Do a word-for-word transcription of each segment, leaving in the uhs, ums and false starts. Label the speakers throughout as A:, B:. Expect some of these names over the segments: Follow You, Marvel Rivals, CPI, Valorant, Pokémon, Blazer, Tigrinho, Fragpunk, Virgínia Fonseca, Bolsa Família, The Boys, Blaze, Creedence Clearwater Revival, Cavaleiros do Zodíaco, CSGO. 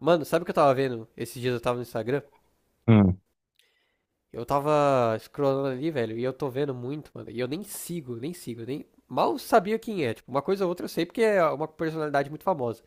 A: Mano, sabe o que eu tava vendo? Esses dias eu tava no Instagram.
B: Hum,
A: Eu tava scrollando ali, velho, e eu tô vendo muito, mano. E eu nem sigo, nem sigo, nem. Mal sabia quem é. Tipo, uma coisa ou outra eu sei porque é uma personalidade muito famosa.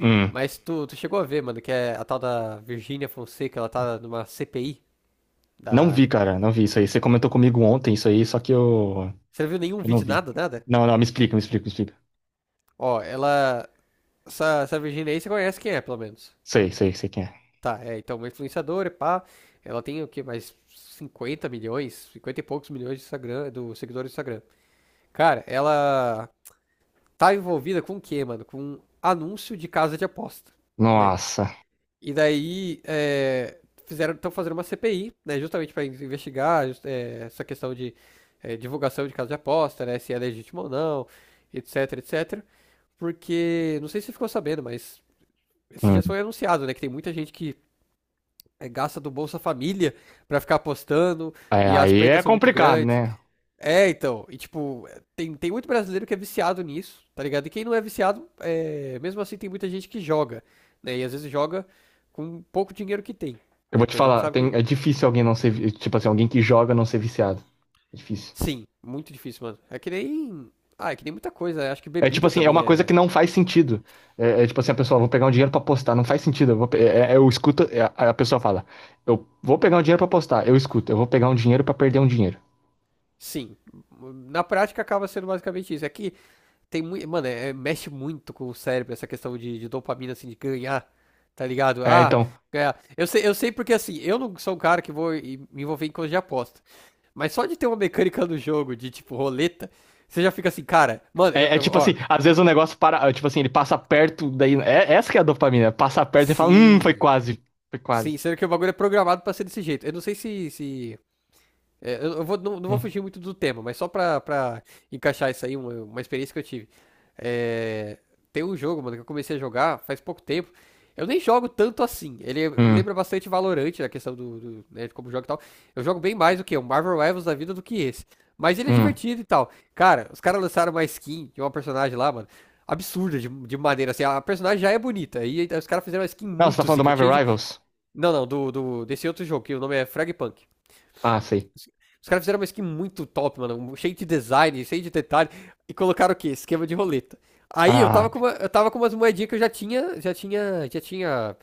B: hum.
A: Mas tu, tu chegou a ver, mano, que é a tal da Virgínia Fonseca, ela tá numa C P I
B: Não
A: da.
B: vi, cara, não vi isso aí. Você comentou comigo ontem isso aí, só que eu,
A: Você não viu nenhum
B: eu não
A: vídeo,
B: vi.
A: nada, nada?
B: Não, não, me explica, me explica, me explica.
A: Ó, ela. Essa, essa Virgínia aí você conhece quem é, pelo menos.
B: Sei, sei, sei quem é.
A: Tá, é, então, uma influenciadora, pá. Ela tem o quê? Mais 50 milhões, cinquenta e poucos milhões de Instagram, do seguidores do Instagram. Cara, ela tá envolvida com o quê, mano? Com anúncio de casa de aposta, né?
B: Nossa.
A: E daí é, fizeram, estão fazendo uma C P I, né? Justamente para investigar just- é, essa questão de é, divulgação de casa de aposta, né? Se é legítimo ou não, etc, et cetera. Porque, não sei se você ficou sabendo, mas esses dias
B: Hum.
A: foi anunciado, né? Que tem muita gente que é, gasta do Bolsa Família para ficar apostando
B: É,
A: e as
B: aí é
A: perdas são muito
B: complicado,
A: grandes.
B: né?
A: É, então, e tipo, tem, tem muito brasileiro que é viciado nisso, tá ligado? E quem não é viciado, é, mesmo assim tem muita gente que joga, né? E às vezes joga com pouco dinheiro que tem,
B: Eu
A: né?
B: vou te
A: Porque a gente
B: falar,
A: sabe que.
B: tem- é difícil alguém não ser, vi- tipo assim, alguém que joga não ser viciado. É difícil.
A: Sim, muito difícil, mano. É que nem. Ah, é que nem muita coisa, né? Acho que
B: É tipo
A: bebida
B: assim, é
A: também
B: uma coisa que
A: é.
B: não faz
A: Assim.
B: sentido. É, é tipo assim, a pessoa, vou pegar um dinheiro pra apostar, não faz sentido. Eu, vou pe- é- é- eu escuto, é, a a pessoa fala, eu vou pegar um dinheiro pra apostar, eu escuto, eu vou pegar um dinheiro pra perder um dinheiro.
A: Sim. Na prática acaba sendo basicamente isso. É que tem muito. Mano, é, é- mexe muito com o cérebro essa questão de, de dopamina, assim, de ganhar, tá ligado?
B: É,
A: Ah,
B: então,
A: ganhar. Eu sei, eu sei porque, assim, eu não sou um cara que vou e- me envolver em coisa de aposta. Mas só de ter uma mecânica no jogo de, tipo, roleta, você já fica assim, cara, mano, eu,
B: é, é
A: eu-
B: tipo
A: ó,
B: assim, às vezes o negócio para, é, tipo assim, ele passa perto, daí. É, essa que é a dopamina. Passa perto e fala, hum, foi
A: sim.
B: quase. Foi
A: Sim,
B: quase.
A: sendo que o bagulho é programado pra ser desse jeito. Eu não sei se, se é, eu eu vou, não, não vou
B: Hum,
A: fugir muito do tema, mas só pra, pra encaixar isso aí, uma, uma experiência que eu tive. É, tem um jogo, mano, que eu comecei a jogar faz pouco tempo. Eu nem jogo tanto assim. Ele
B: hum,
A: lembra bastante Valorant, a questão do, do né, de como joga e tal. Eu jogo bem mais do que o Marvel Rivals da vida do que esse. Mas ele é
B: hum.
A: divertido e tal. Cara, os caras lançaram uma skin de uma personagem lá, mano. Absurda de, de maneira assim. A personagem já é bonita. E aí os caras fizeram uma skin
B: Não, você tá
A: muito
B: falando do
A: zica.
B: Marvel
A: Cheia de...
B: Rivals?
A: Não, não, do, do, desse outro jogo, que o nome é Fragpunk.
B: Ah, sei.
A: Os caras fizeram uma skin muito top, mano. Um cheio de design, cheio de detalhe. E colocaram o quê? Esquema de roleta. Aí eu
B: Ah,
A: tava com, uma- eu tava com umas moedinhas que eu já tinha. Já tinha. Já tinha.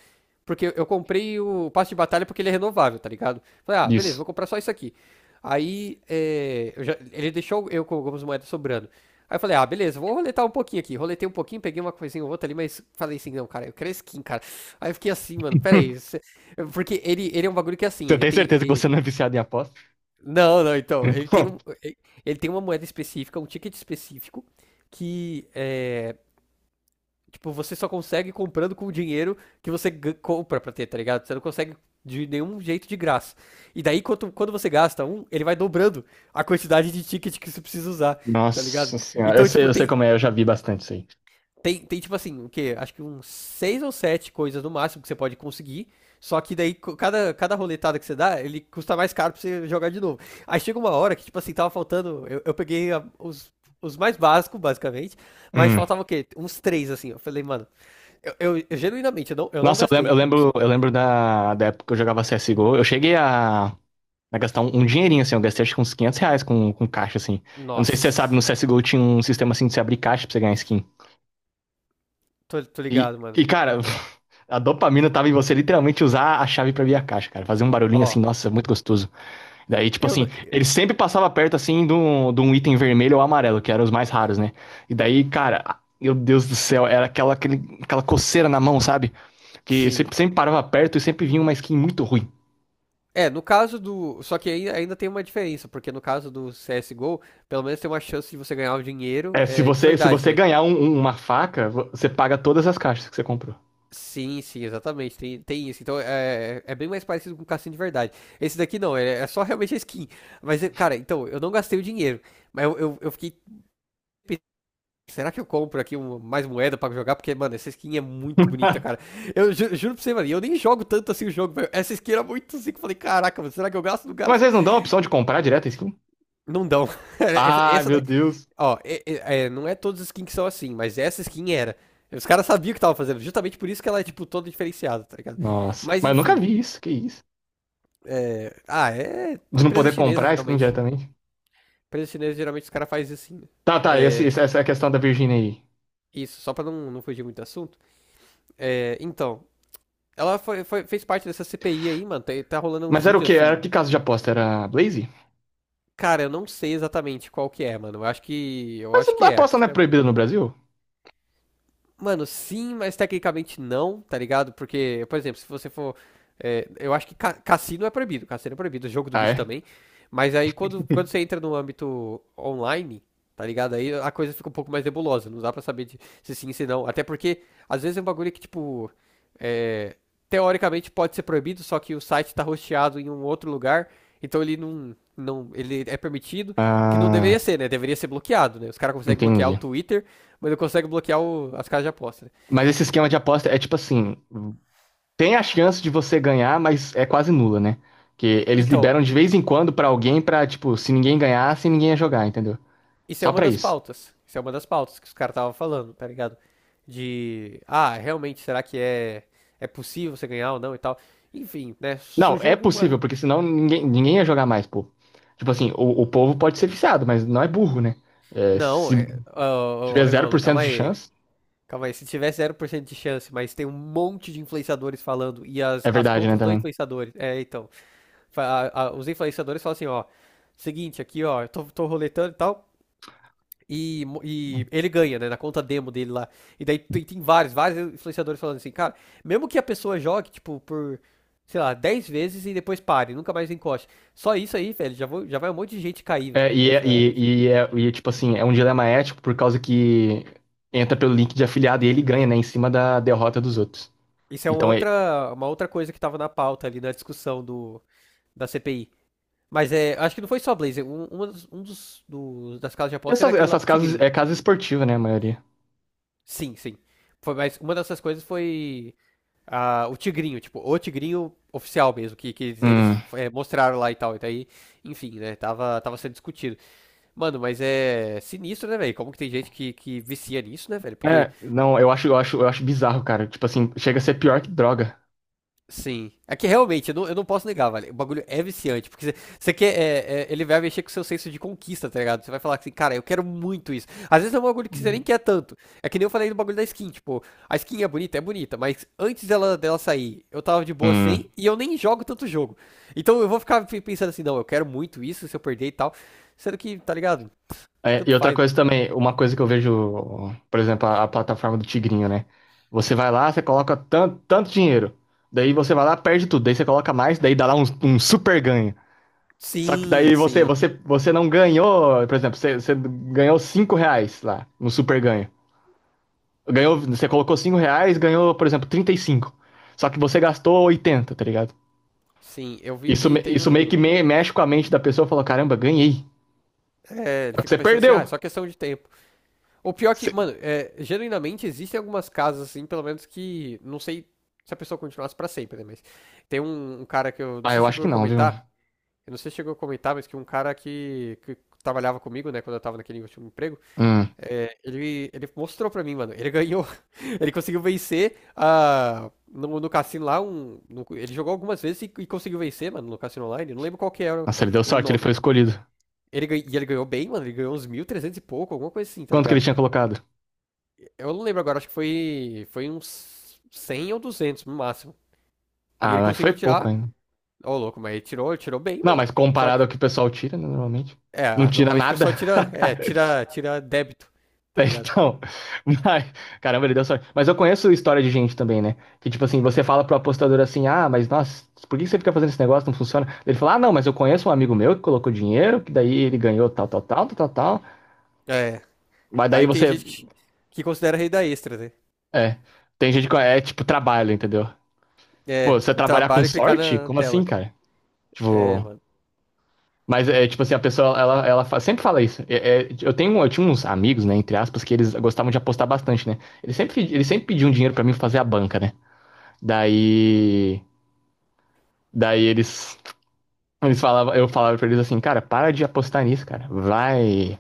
A: Porque eu comprei o passe de batalha porque ele é renovável, tá ligado? Falei, ah, beleza,
B: isso.
A: vou comprar só isso aqui. Aí é, eu já- ele deixou eu com algumas moedas sobrando. Aí eu falei, ah, beleza, vou roletar um pouquinho aqui. Roletei um pouquinho, peguei uma coisinha ou outra ali, mas falei assim, não, cara, eu quero skin, cara. Aí eu fiquei assim, mano, pera aí. Isso- porque ele, ele é um bagulho que é assim,
B: Você
A: ele
B: tem
A: tem.
B: certeza que
A: Ele,
B: você não é viciado em aposta?
A: não, não, então, ele tem, um, e- ele tem uma moeda específica, um ticket específico, que é, tipo, você só consegue comprando com o dinheiro que você gan- compra pra ter, tá ligado? Você não consegue de nenhum jeito de graça. E daí, quando, quando você gasta um, ele vai dobrando a quantidade de ticket que você precisa usar, tá ligado?
B: Nossa senhora, eu
A: Então,
B: sei,
A: tipo,
B: eu sei
A: tem,
B: como é, eu já vi bastante isso aí.
A: tem, tem tipo assim, o quê? Acho que uns seis ou sete coisas no máximo que você pode conseguir. Só que daí, co- cada, cada roletada que você dá, ele custa mais caro pra você jogar de novo. Aí chega uma hora que, tipo assim, tava faltando. Eu, eu peguei a- os, os mais básicos, basicamente. Mas
B: Hum.
A: faltava o quê? Uns três, assim. Eu falei, mano, eu, eu- eu genuinamente, eu não, eu não
B: Nossa, eu lembro,
A: gastei
B: eu
A: com isso.
B: lembro, eu lembro da, da época que eu jogava C S G O, eu cheguei a, a gastar um, um dinheirinho, assim, eu gastei acho que uns quinhentos reais com, com caixa, assim. Eu não sei se você sabe,
A: Nossa,
B: no C S G O tinha um sistema assim de você abrir caixa pra você ganhar skin.
A: tô, tô
B: E,
A: ligado, mano.
B: e, cara, a dopamina tava em você literalmente usar a chave pra abrir a caixa, cara. Fazer um barulhinho
A: Ó,
B: assim, nossa, muito gostoso. Daí, tipo
A: eu. Não-
B: assim, ele sempre passava perto, assim, de um, de um item vermelho ou amarelo, que eram os mais raros, né? E daí, cara, ah, meu Deus do céu, era aquela, aquele, aquela coceira na mão, sabe? Que
A: sim.
B: sempre, sempre parava perto e sempre vinha uma skin muito ruim.
A: É, no caso do. Só que aí ainda tem uma diferença, porque no caso do C S G O, pelo menos tem uma chance de você ganhar o dinheiro
B: É, se
A: é, de
B: você, se
A: verdade,
B: você
A: né?
B: ganhar um- um- uma faca, vo- você paga todas as caixas que você comprou.
A: Sim, sim, exatamente. Tem, tem isso. Então é, é bem mais parecido com o cassino de verdade. Esse daqui não, é, é só realmente a skin. Mas, é, cara, então, eu não gastei o dinheiro. Mas eu, eu, eu fiquei pensando, será que eu compro aqui uma- mais moeda pra jogar? Porque, mano, essa skin é muito bonita, cara. Eu ju- juro pra você, mano, e eu nem jogo tanto assim o jogo, velho. Essa skin era muito assim que eu falei, caraca, mano, será que eu gasto? Não
B: Mas
A: gasto.
B: eles não dão a opção de comprar direto a skin?
A: Não dão. Essa,
B: Ah,
A: essa
B: meu
A: daí,
B: Deus.
A: ó, é- é- é, não é todas as skins que são assim, mas essa skin era. Os caras sabiam o que tava fazendo, justamente por isso que ela é, tipo, toda diferenciada, tá ligado?
B: Nossa,
A: Mas
B: mas eu nunca
A: enfim.
B: vi isso, que isso.
A: Ah, é.
B: De não
A: Empresa
B: poder
A: chinesa,
B: comprar a skin
A: geralmente.
B: diretamente?
A: Empresa chinesa, geralmente, os caras fazem assim.
B: Tá, tá, esse-
A: É,
B: esse- essa é a questão da Virginia aí.
A: isso, só pra não, não fugir muito do assunto. É, então, ela foi, foi- fez parte dessa C P I aí, mano. Tá, tá rolando uns
B: Mas era o
A: vídeos
B: quê? Era
A: assim.
B: que caso de aposta? Era Blaze?
A: Cara, eu não sei exatamente qual que é, mano. Eu acho que. Eu
B: Mas
A: acho
B: a
A: que é.
B: aposta
A: Acho
B: não é
A: que é.
B: proibida no Brasil?
A: Mano, sim, mas tecnicamente não, tá ligado? Porque, por exemplo, se você for. É, eu acho que ca- cassino é proibido, cassino é proibido, jogo do
B: Ah,
A: bicho
B: é?
A: também. Mas aí quando, quando você entra no âmbito online, tá ligado? Aí a coisa fica um pouco mais nebulosa, não dá pra saber de- se sim, se não. Até porque, às vezes é um bagulho que, tipo. É, teoricamente pode ser proibido, só que o site tá hosteado em um outro lugar, então ele não. Não, ele é permitido, que não deveria
B: Ah,
A: ser, né? Deveria ser bloqueado, né? Os caras conseguem bloquear o
B: entendi.
A: Twitter, mas ele consegue bloquear o- as casas de aposta, né?
B: Mas esse esquema de aposta é tipo assim: tem a chance de você ganhar, mas é quase nula, né? Que eles
A: Então,
B: liberam de vez em quando pra alguém pra, tipo, se ninguém ganhasse, ninguém ia jogar, entendeu?
A: isso é
B: Só
A: uma
B: pra
A: das
B: isso.
A: pautas. Isso é uma das pautas que os caras estavam falando, tá ligado? De, ah, realmente, será que é, é possível você ganhar ou não e tal? Enfim, né?
B: Não,
A: Surgiu
B: é
A: alguma.
B: possível, porque senão ninguém, ninguém ia jogar mais, pô. Tipo assim, o, o povo pode ser viciado, mas não é burro, né? É,
A: Não,
B: se se
A: é... ô, ô, ô,
B: tiver zero
A: Rebolo,
B: por cento
A: calma
B: de
A: aí.
B: chance,
A: Calma aí. Se tiver zero por cento de chance, mas tem um monte de influenciadores falando e as,
B: é
A: as
B: verdade, né,
A: contas dos
B: também.
A: influenciadores. É, então. Fa- a- a- os influenciadores falam assim, ó. Seguinte, aqui, ó, eu tô, tô roletando e tal. E, e ele ganha, né? Na conta demo dele lá. E daí tem, tem vários, vários influenciadores falando assim, cara, mesmo que a pessoa jogue, tipo, por, sei lá, dez vezes e depois pare, nunca mais encoste. Só isso aí, velho, já, vou, já vai um monte de gente cair
B: É, e, é,
A: nessa.
B: e, e, é, e, tipo assim, é um dilema ético por causa que entra pelo link de afiliado e ele ganha, né, em cima da derrota dos outros.
A: Isso é uma
B: Então, é,
A: outra, uma outra coisa que tava na pauta ali na discussão do, da C P I. Mas é, acho que não foi só Blazer. Um, uma dos, um dos, dos- Das casas de aposta era
B: essas,
A: aquele lá
B: essas
A: do
B: casas,
A: Tigrinho.
B: é casa esportiva, né, a maioria.
A: Sim, sim. Foi, mas uma dessas coisas foi. Ah, o Tigrinho, tipo, o Tigrinho oficial mesmo, que, que eles
B: Hum.
A: é, mostraram lá e tal. E daí, enfim, né? Tava, tava sendo discutido. Mano, mas é sinistro, né, velho? Como que tem gente que, que vicia nisso, né, velho? Porque
B: É, não, eu acho, eu acho, eu acho bizarro, cara. Tipo assim, chega a ser pior que droga.
A: sim. É que realmente, eu não, eu não posso negar, velho. O bagulho é viciante, porque você você quer. É, é, ele vai mexer com o seu senso de conquista, tá ligado? Você vai falar assim, cara, eu quero muito isso. Às vezes é um bagulho que você nem quer tanto. É que nem eu falei do bagulho da skin, tipo, a skin é bonita, é bonita, mas antes dela, dela sair, eu tava de boa
B: Hum.
A: sem e eu nem jogo tanto jogo. Então eu vou ficar pe- pensando assim, não, eu quero muito isso, se eu perder e tal. Sendo que, tá ligado?
B: É, e
A: Tanto
B: outra
A: faz.
B: coisa também, uma coisa que eu vejo, por exemplo, a, a plataforma do Tigrinho, né? Você vai lá, você coloca tanto, tanto dinheiro, daí você vai lá, perde tudo, daí você coloca mais, daí dá lá um, um super ganho. Só que
A: Sim,
B: daí você,
A: sim,
B: você, você não ganhou, por exemplo, você, você ganhou cinco reais lá no super ganho. Ganhou, você colocou cinco reais, ganhou, por exemplo, trinta e cinco. Só que você gastou oitenta, tá ligado?
A: sim. Eu vi
B: Isso,
A: que
B: me-
A: tem
B: isso meio que
A: um.
B: me- mexe com a mente da pessoa e fala, caramba, ganhei.
A: É, ele
B: Só que
A: fica
B: você
A: pensando assim, ah, é
B: perdeu.
A: só questão de tempo. O pior é que,
B: Você-
A: mano, é, genuinamente existem algumas casas, assim, pelo menos que. Não sei se a pessoa continuasse pra sempre, né? Mas tem um, um cara que eu. Não
B: Ah,
A: sei
B: eu
A: se
B: acho
A: chegou
B: que
A: a
B: não, viu?
A: comentar. Eu não sei se chegou a comentar, mas que um cara que, que trabalhava comigo, né? Quando eu tava naquele último emprego.
B: Hum.
A: É, ele, ele mostrou pra mim, mano. Ele ganhou. Ele conseguiu vencer a. No, no cassino lá, um, no- ele jogou algumas vezes e, e conseguiu vencer, mano, no cassino online. Não lembro qual que era o
B: Nossa, ele deu
A: o
B: sorte, ele
A: nome.
B: foi escolhido.
A: Ele, gan- e ele ganhou bem, mano. Ele ganhou uns mil e trezentos e pouco, alguma coisa assim, tá
B: Quanto que ele
A: ligado?
B: tinha colocado?
A: Eu não lembro agora, acho que foi, foi uns cem ou duzentos no máximo. E
B: Ah,
A: ele
B: mas foi
A: conseguiu
B: pouco
A: tirar.
B: ainda.
A: Ô, louco, mas ele tirou, ele tirou bem,
B: Não,
A: mano.
B: mas
A: Só que,
B: comparado ao que o pessoal tira, né, normalmente. Não
A: é,
B: tira
A: normalmente o
B: nada.
A: pessoal tira, é, tira, tira débito, tá ligado?
B: Então, mas, caramba, ele deu sorte. Mas eu conheço história de gente também, né? Que tipo assim, você fala pro apostador assim: ah, mas nossa, por que você fica fazendo esse negócio? Não funciona. Ele fala: ah, não, mas eu conheço um amigo meu que colocou dinheiro, que daí ele ganhou tal, tal, tal, tal, tal. Tal."
A: É,
B: Mas daí
A: aí tem
B: você.
A: gente que, que considera renda extra, né?
B: É. Tem gente que é é tipo trabalho, entendeu?
A: É,
B: Pô, você
A: o
B: trabalhar com
A: trabalho é clicar
B: sorte?
A: na
B: Como assim,
A: tela.
B: cara?
A: É,
B: Tipo.
A: mano.
B: Mas é tipo assim, a pessoa, ela, ela fa- sempre fala isso. É- é, eu tenho, eu tinha uns amigos, né, entre aspas, que eles gostavam de apostar bastante, né? Eles sempre, eles sempre pediam dinheiro pra mim fazer a banca, né? Daí, daí eles, eles falavam, eu falava pra eles assim, cara, para de apostar nisso, cara. Vai,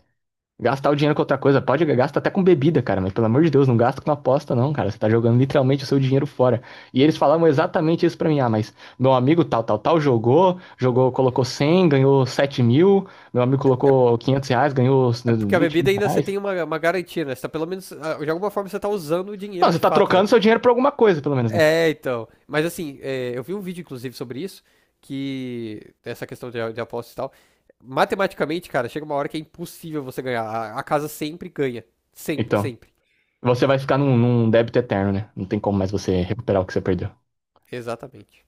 B: gastar o dinheiro com outra coisa, pode gastar até com bebida, cara, mas pelo amor de Deus, não gasta com aposta, não, cara. Você tá jogando literalmente o seu dinheiro fora. E eles falavam exatamente isso pra mim. Ah, mas meu amigo tal, tal, tal jogou, jogou, colocou cem ganhou sete mil. Meu amigo colocou quinhentos reais, ganhou
A: É porque a
B: vinte
A: bebida
B: mil
A: ainda você
B: reais.
A: tem uma, uma garantia, né? Você tá pelo menos, ah, de alguma forma você tá usando o
B: Não,
A: dinheiro
B: você
A: de
B: tá
A: fato, né?
B: trocando seu dinheiro por alguma coisa, pelo menos, né?
A: É, então. Mas assim, é, eu vi um vídeo, inclusive, sobre isso, que essa questão de, de apostas e tal. Matematicamente, cara, chega uma hora que é impossível você ganhar. A, a casa sempre ganha. Sempre,
B: Então,
A: sempre.
B: você vai ficar num, num débito eterno, né? Não tem como mais você recuperar o que você perdeu.
A: Exatamente.